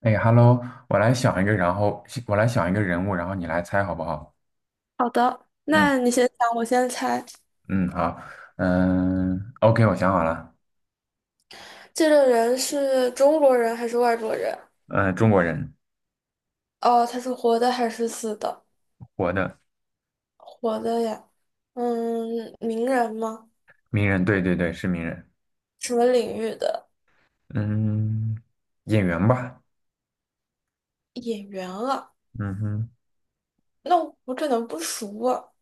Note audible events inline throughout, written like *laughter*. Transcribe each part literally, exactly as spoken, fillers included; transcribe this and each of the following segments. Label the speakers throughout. Speaker 1: 哎，Hello，我来想一个，然后我来想一个人物，然后你来猜好不好？
Speaker 2: 好的，
Speaker 1: 嗯
Speaker 2: 那你先想，我先猜。
Speaker 1: 嗯，好，嗯，OK，我想好了，
Speaker 2: 这个人是中国人还是外国人？
Speaker 1: 嗯，中国人，
Speaker 2: 哦，他是活的还是死的？
Speaker 1: 活的，
Speaker 2: 活的呀。嗯，名人吗？
Speaker 1: 名人，对对对，是名人，
Speaker 2: 什么领域的
Speaker 1: 嗯，演员吧，
Speaker 2: 演员啊？
Speaker 1: 嗯哼，
Speaker 2: 那我可能不熟啊，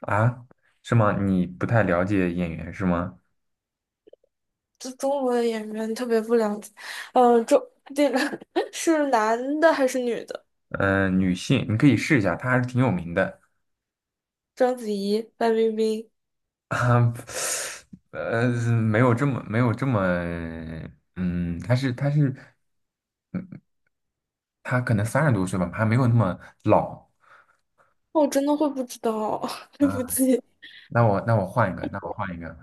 Speaker 1: 啊，是吗？你不太了解演员是吗？
Speaker 2: 这中国的演员特别不了解。嗯，中这个 *laughs* 是男的还是女的？
Speaker 1: 嗯，女性，你可以试一下，她还是挺有名的。
Speaker 2: 章子怡、范冰冰。
Speaker 1: *laughs* 啊，呃，没有这么没有这么，嗯，她是她是她可能三十多岁吧，还没有那么老。
Speaker 2: 我真的会不知道啊，*laughs* 对不
Speaker 1: 啊。
Speaker 2: 起。
Speaker 1: 那我那我换一个，那我换一个。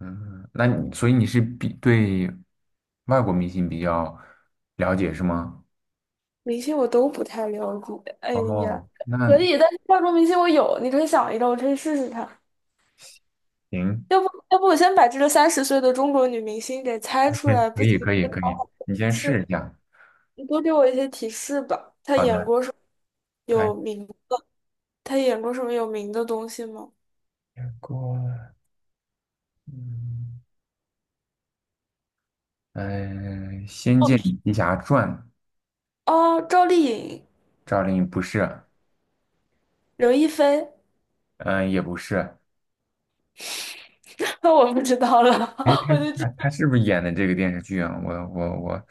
Speaker 1: 嗯，那你所以你是比对外国明星比较了解是吗？
Speaker 2: 明星我都不太了解。*laughs* 哎呀，
Speaker 1: 哦，那
Speaker 2: 可以，但是化妆明星我有，你可以想一个，我可以试试看。
Speaker 1: 行
Speaker 2: 要不，要不我先把这个三十岁的中国女明星给猜
Speaker 1: o
Speaker 2: 出来，
Speaker 1: 可
Speaker 2: 不
Speaker 1: 以
Speaker 2: 行
Speaker 1: 可以
Speaker 2: 就聊
Speaker 1: 可以，
Speaker 2: 好
Speaker 1: 你先
Speaker 2: 是，
Speaker 1: 试一下。
Speaker 2: 你多给我一些提示吧。她
Speaker 1: 好
Speaker 2: 演
Speaker 1: 的，
Speaker 2: 过什么
Speaker 1: 泰
Speaker 2: 有名？她演过什么有名的东西吗？
Speaker 1: 国，嗯，嗯，《仙
Speaker 2: 哦，
Speaker 1: 剑奇侠传》
Speaker 2: 哦，赵丽颖、
Speaker 1: 赵丽颖不是，
Speaker 2: 刘亦菲，
Speaker 1: 嗯、也不是。
Speaker 2: *laughs* 那我不知道了，
Speaker 1: 哎，
Speaker 2: *laughs*
Speaker 1: 她
Speaker 2: 我就知
Speaker 1: 她她是不是演的这个电视剧啊？我我我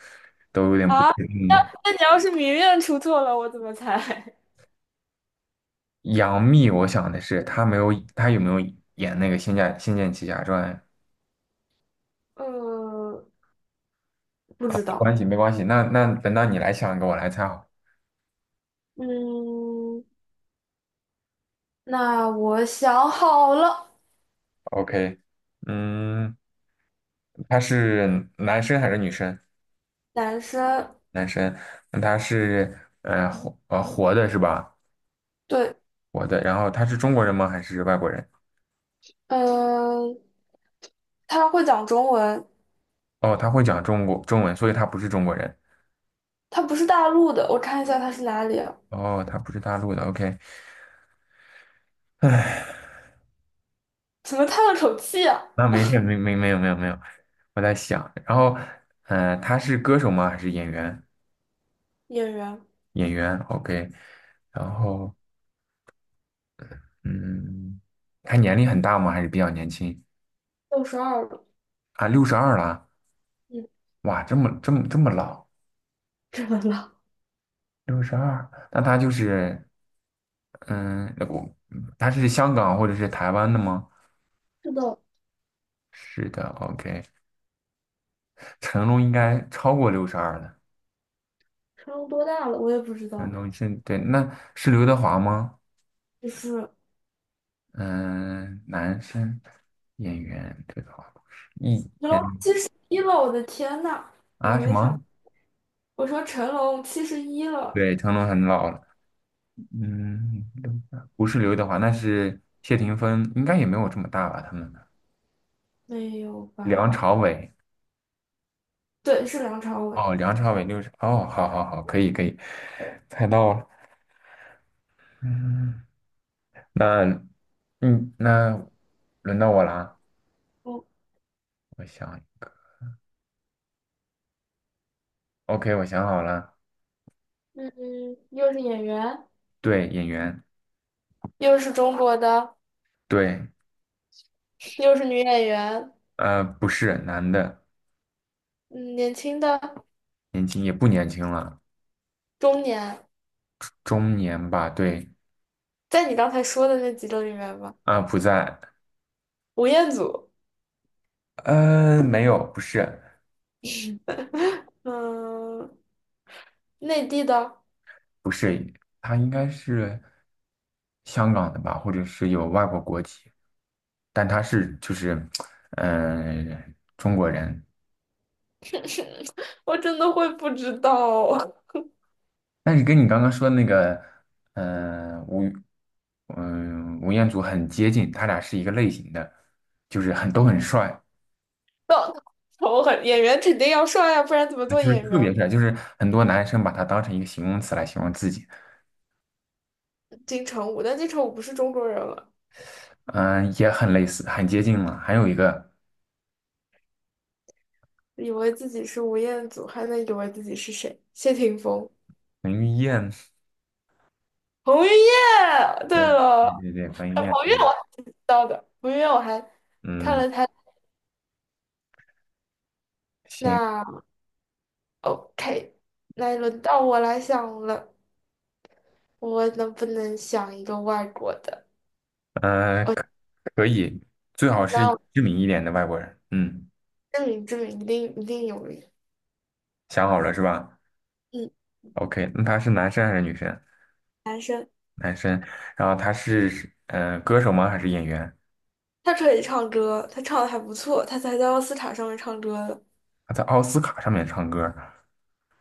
Speaker 1: 都有点不
Speaker 2: 啊。
Speaker 1: 确定
Speaker 2: 那
Speaker 1: 了。
Speaker 2: 那你要是明面出错了，我怎么猜？
Speaker 1: 杨幂，我想的是她没有，她有没有演那个《仙剑仙剑奇侠传》
Speaker 2: *laughs* 嗯，不
Speaker 1: 啊？
Speaker 2: 知
Speaker 1: 没关
Speaker 2: 道。
Speaker 1: 系，没关系。那那等到你来想一个，我来猜好。
Speaker 2: 嗯，那我想好了，
Speaker 1: OK，嗯，他是男生还是女生？
Speaker 2: 男生，
Speaker 1: 男生。那他是呃活呃活的是吧？
Speaker 2: 对，
Speaker 1: 活的。然后他是中国人吗？还是外国人？
Speaker 2: 嗯，他会讲中文，
Speaker 1: 哦，他会讲中国中文，所以他不是中国人。
Speaker 2: 他不是大陆的，我看一下他是哪里啊？
Speaker 1: 哦，他不是大陆的。OK，
Speaker 2: 怎么叹了口气啊？
Speaker 1: 那没事，没没没有没有没有，我在想。然后，呃，他是歌手吗？还是演员？
Speaker 2: 演员，
Speaker 1: 演员，OK，然后嗯，他年龄很大吗？还是比较年轻
Speaker 2: 六十二了，
Speaker 1: 啊？六十二了，
Speaker 2: 嗯，
Speaker 1: 哇，这么这么这么老，
Speaker 2: 怎么了？
Speaker 1: 六十二，那他就是嗯，那我他是香港或者是台湾的吗？
Speaker 2: 是的，
Speaker 1: 是的，OK，成龙应该超过六十二了，
Speaker 2: 成龙多大了？我也不知
Speaker 1: 成
Speaker 2: 道，
Speaker 1: 龙是对，那是刘德华吗？
Speaker 2: 就是
Speaker 1: 嗯，男生演员，对德华不是一
Speaker 2: 成龙
Speaker 1: 嗯
Speaker 2: 一了，我的天呐，我
Speaker 1: 啊什
Speaker 2: 没想，
Speaker 1: 么？
Speaker 2: 我说成龙七十一了，
Speaker 1: 对，成龙很老了。嗯，不是刘德华，那是谢霆锋，应该也没有这么大吧？他们
Speaker 2: 没有
Speaker 1: 梁
Speaker 2: 吧？
Speaker 1: 朝伟，
Speaker 2: 对，是梁朝伟，
Speaker 1: 哦，梁朝伟六十，哦，好好好，可以可以，猜到了。嗯，那嗯，那轮到我啦，
Speaker 2: 嗯，
Speaker 1: 我想一个，OK，我想好了，
Speaker 2: 嗯，又是演员，
Speaker 1: 对，演员，
Speaker 2: 又是中国的，
Speaker 1: 对，
Speaker 2: 又是女演员。
Speaker 1: 呃，不是男的，
Speaker 2: 嗯，年轻的、
Speaker 1: 年轻也不年轻了，
Speaker 2: 中年，
Speaker 1: 中年吧，对，
Speaker 2: 在你刚才说的那几种里面吧，
Speaker 1: 啊、不在，
Speaker 2: 吴彦祖，
Speaker 1: 呃，没有，不是，
Speaker 2: 嗯，内地的，
Speaker 1: 不是，他应该是。香港的吧，或者是有外国国籍，但他是就是，嗯，中国人。
Speaker 2: *laughs* 我真的会不知道。*laughs*
Speaker 1: 但是跟你刚刚说的那个，嗯，吴，嗯、吴彦祖很接近，他俩是一个类型的，就是很都很帅，
Speaker 2: 那丑很演员肯定要帅呀、不然怎么
Speaker 1: 啊
Speaker 2: 做
Speaker 1: 就是
Speaker 2: 演
Speaker 1: 特
Speaker 2: 员？
Speaker 1: 别帅，就是很多男生把他当成一个形容词来形容自己，
Speaker 2: 金城武，但金城武不是中国人了，
Speaker 1: 嗯、也很类似，很接近嘛。还有一个
Speaker 2: 以为自己是吴彦祖，还能以为自己是谁？谢霆锋、
Speaker 1: 彭于晏，
Speaker 2: 彭于晏。对
Speaker 1: 对，
Speaker 2: 了，
Speaker 1: 对对对，彭于
Speaker 2: 哎
Speaker 1: 晏，
Speaker 2: 彭于晏
Speaker 1: 对，
Speaker 2: 我还挺知道的，彭于晏我还看
Speaker 1: 嗯，
Speaker 2: 了他
Speaker 1: 行，
Speaker 2: 那 OK。那轮到我来想了。我能不能想一个外国的？
Speaker 1: 嗯、
Speaker 2: 我
Speaker 1: 可以，最好
Speaker 2: 那
Speaker 1: 是
Speaker 2: 我
Speaker 1: 知名一点的外国人。嗯，
Speaker 2: 证明证明，一定一定有名。
Speaker 1: 想好了是吧
Speaker 2: 嗯，
Speaker 1: ？OK，那他是男生还是女生？男生。然后他是嗯、呃歌手吗？还是演员？
Speaker 2: 他可以唱歌，他唱的还不错，他才在奥斯卡上面唱歌的。
Speaker 1: 他在奥斯卡上面唱歌。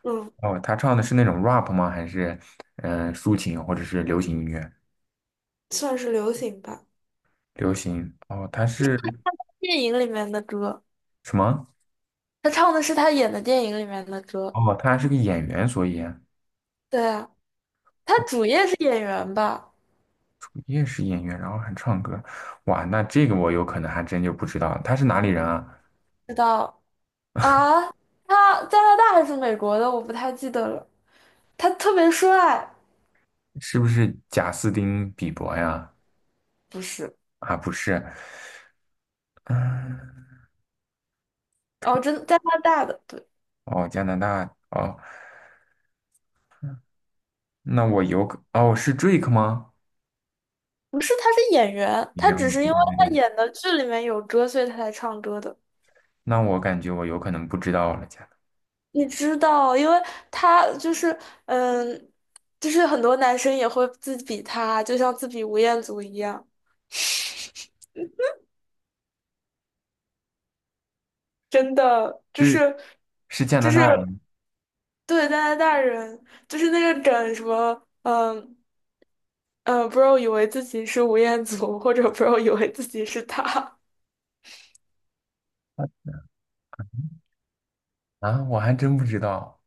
Speaker 2: 嗯，
Speaker 1: 哦，他唱的是那种 rap 吗？还是嗯、呃抒情或者是流行音乐？
Speaker 2: 算是流行吧，
Speaker 1: 流行。哦，他是
Speaker 2: 电影里面的歌。
Speaker 1: 什么？
Speaker 2: 他唱的是他演的电影里面的歌。
Speaker 1: 哦，他是个演员，所以
Speaker 2: 对啊，他
Speaker 1: 我
Speaker 2: 主业是演员吧？
Speaker 1: 主业是演员，然后还唱歌。哇，那这个我有可能还真就不知道，他是哪里人啊？
Speaker 2: 知道啊？他加拿大还是美国的？我不太记得了。他特别帅，
Speaker 1: 是不是贾斯汀比伯呀？
Speaker 2: 不是？
Speaker 1: 啊，不是，嗯，
Speaker 2: 哦，真加拿大的，对。
Speaker 1: 哦，加拿大，哦，那我有可哦，是 Drake 吗？
Speaker 2: 不是，他是演员，
Speaker 1: 你
Speaker 2: 他
Speaker 1: 原来
Speaker 2: 只是因
Speaker 1: 对
Speaker 2: 为
Speaker 1: 对对
Speaker 2: 他
Speaker 1: 对，
Speaker 2: 演的剧里面有歌，所以他才唱歌的。
Speaker 1: 那我感觉我有可能不知道了，加拿
Speaker 2: 你知道，因为他就是，嗯，就是很多男生也会自比他，就像自比吴彦祖一样，真的，就
Speaker 1: 是
Speaker 2: 是，
Speaker 1: 是加
Speaker 2: 就
Speaker 1: 拿
Speaker 2: 是
Speaker 1: 大人
Speaker 2: 对加拿大人，就是那个梗什么，嗯嗯，bro 以为自己是吴彦祖，或者 bro 以为自己是他。
Speaker 1: 啊，我还真不知道，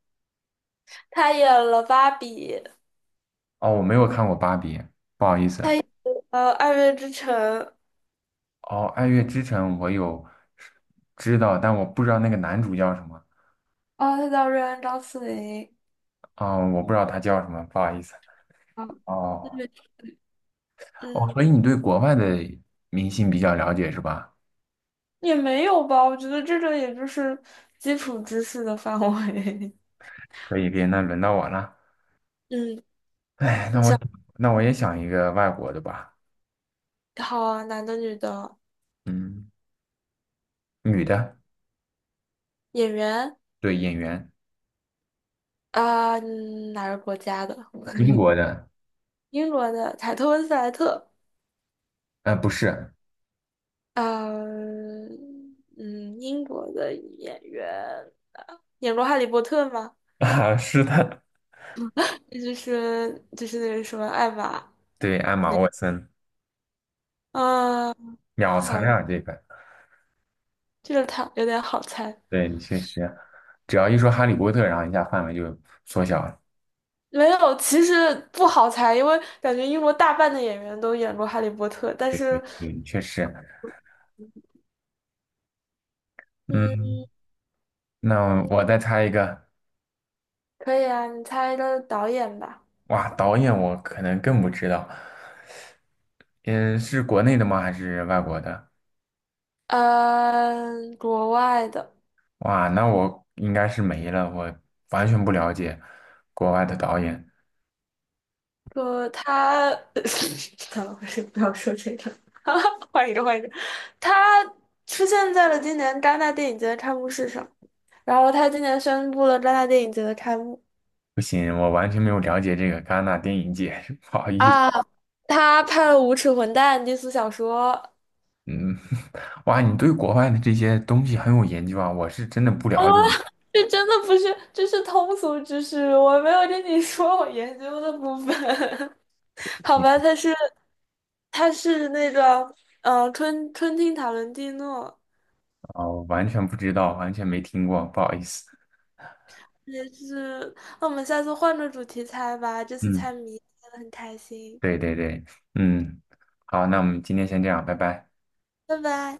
Speaker 2: 他演了芭比，
Speaker 1: 哦，我没有看过芭比，不好意思，
Speaker 2: 呃，《爱乐之城》，
Speaker 1: 哦，《爱乐之城》我有知道，但我不知道那个男主叫什么，
Speaker 2: 哦，他叫瑞安·张思霖。
Speaker 1: 哦，我不知道他叫什么，不好意思，
Speaker 2: 嗯，
Speaker 1: 哦
Speaker 2: 对，
Speaker 1: 哦，
Speaker 2: 嗯，
Speaker 1: 所以你对国外的明星比较了解是吧？
Speaker 2: 也没有吧，我觉得这个也就是基础知识的范围。
Speaker 1: 可以，可以，那轮到我了。
Speaker 2: *laughs* 嗯，
Speaker 1: 哎，那我那我也想一个外国的吧，
Speaker 2: 好啊，男的、女的，
Speaker 1: 嗯，女的，
Speaker 2: 演员
Speaker 1: 对，演员，
Speaker 2: 啊，嗯哪个国家的？
Speaker 1: 英国
Speaker 2: *laughs*
Speaker 1: 的，
Speaker 2: 英国的凯特温斯莱特，
Speaker 1: 呃，不是，
Speaker 2: 嗯嗯，英国的演员，演过《哈利波特》吗？
Speaker 1: *laughs* 啊，是的，
Speaker 2: 就是就是那个什么艾玛，
Speaker 1: 对，艾玛沃森，
Speaker 2: 啊，
Speaker 1: 秒残
Speaker 2: 好，
Speaker 1: 啊，这个，
Speaker 2: 这个他有点好猜，
Speaker 1: 对，你确实，只要一说哈利波特，然后一下范围就缩小了，
Speaker 2: 没有，其实不好猜，因为感觉英国大半的演员都演过《哈利波特》，但是，
Speaker 1: 嗯，确实，
Speaker 2: 嗯，
Speaker 1: 嗯，那我再猜一个，
Speaker 2: 可以啊，你猜一个导演吧。
Speaker 1: 哇，导演我可能更不知道，嗯，是国内的吗？还是外国的？
Speaker 2: 嗯，国外的，
Speaker 1: 哇，那我应该是没了，我完全不了解国外的导演。
Speaker 2: 说他，*laughs* 怎么回事？不要说这个，*laughs* 换一个，换一个。他出现在了今年戛纳电影节的开幕式上，然后他今年宣布了戛纳电影节的开幕
Speaker 1: 不行，我完全没有了解这个戛纳电影节，*laughs* 不好意思。
Speaker 2: 啊，他拍了《无耻混蛋》第四小说，
Speaker 1: 嗯，*laughs* 哇，你对国外的这些东西很有研究啊，我是真的不
Speaker 2: 啊，
Speaker 1: 了解
Speaker 2: 这真的不是，这是通俗知识，我没有跟你说我研究的部分。*laughs* 好吧，它是它是那个呃春春汀塔伦蒂诺，
Speaker 1: 啊，我完全不知道，完全没听过，不好意思。
Speaker 2: 也是。那我们下次换个主题猜吧，这次
Speaker 1: 嗯，
Speaker 2: 猜谜猜的很开心，
Speaker 1: 对对对，嗯，好，那我们今天先这样，拜拜。
Speaker 2: 拜拜。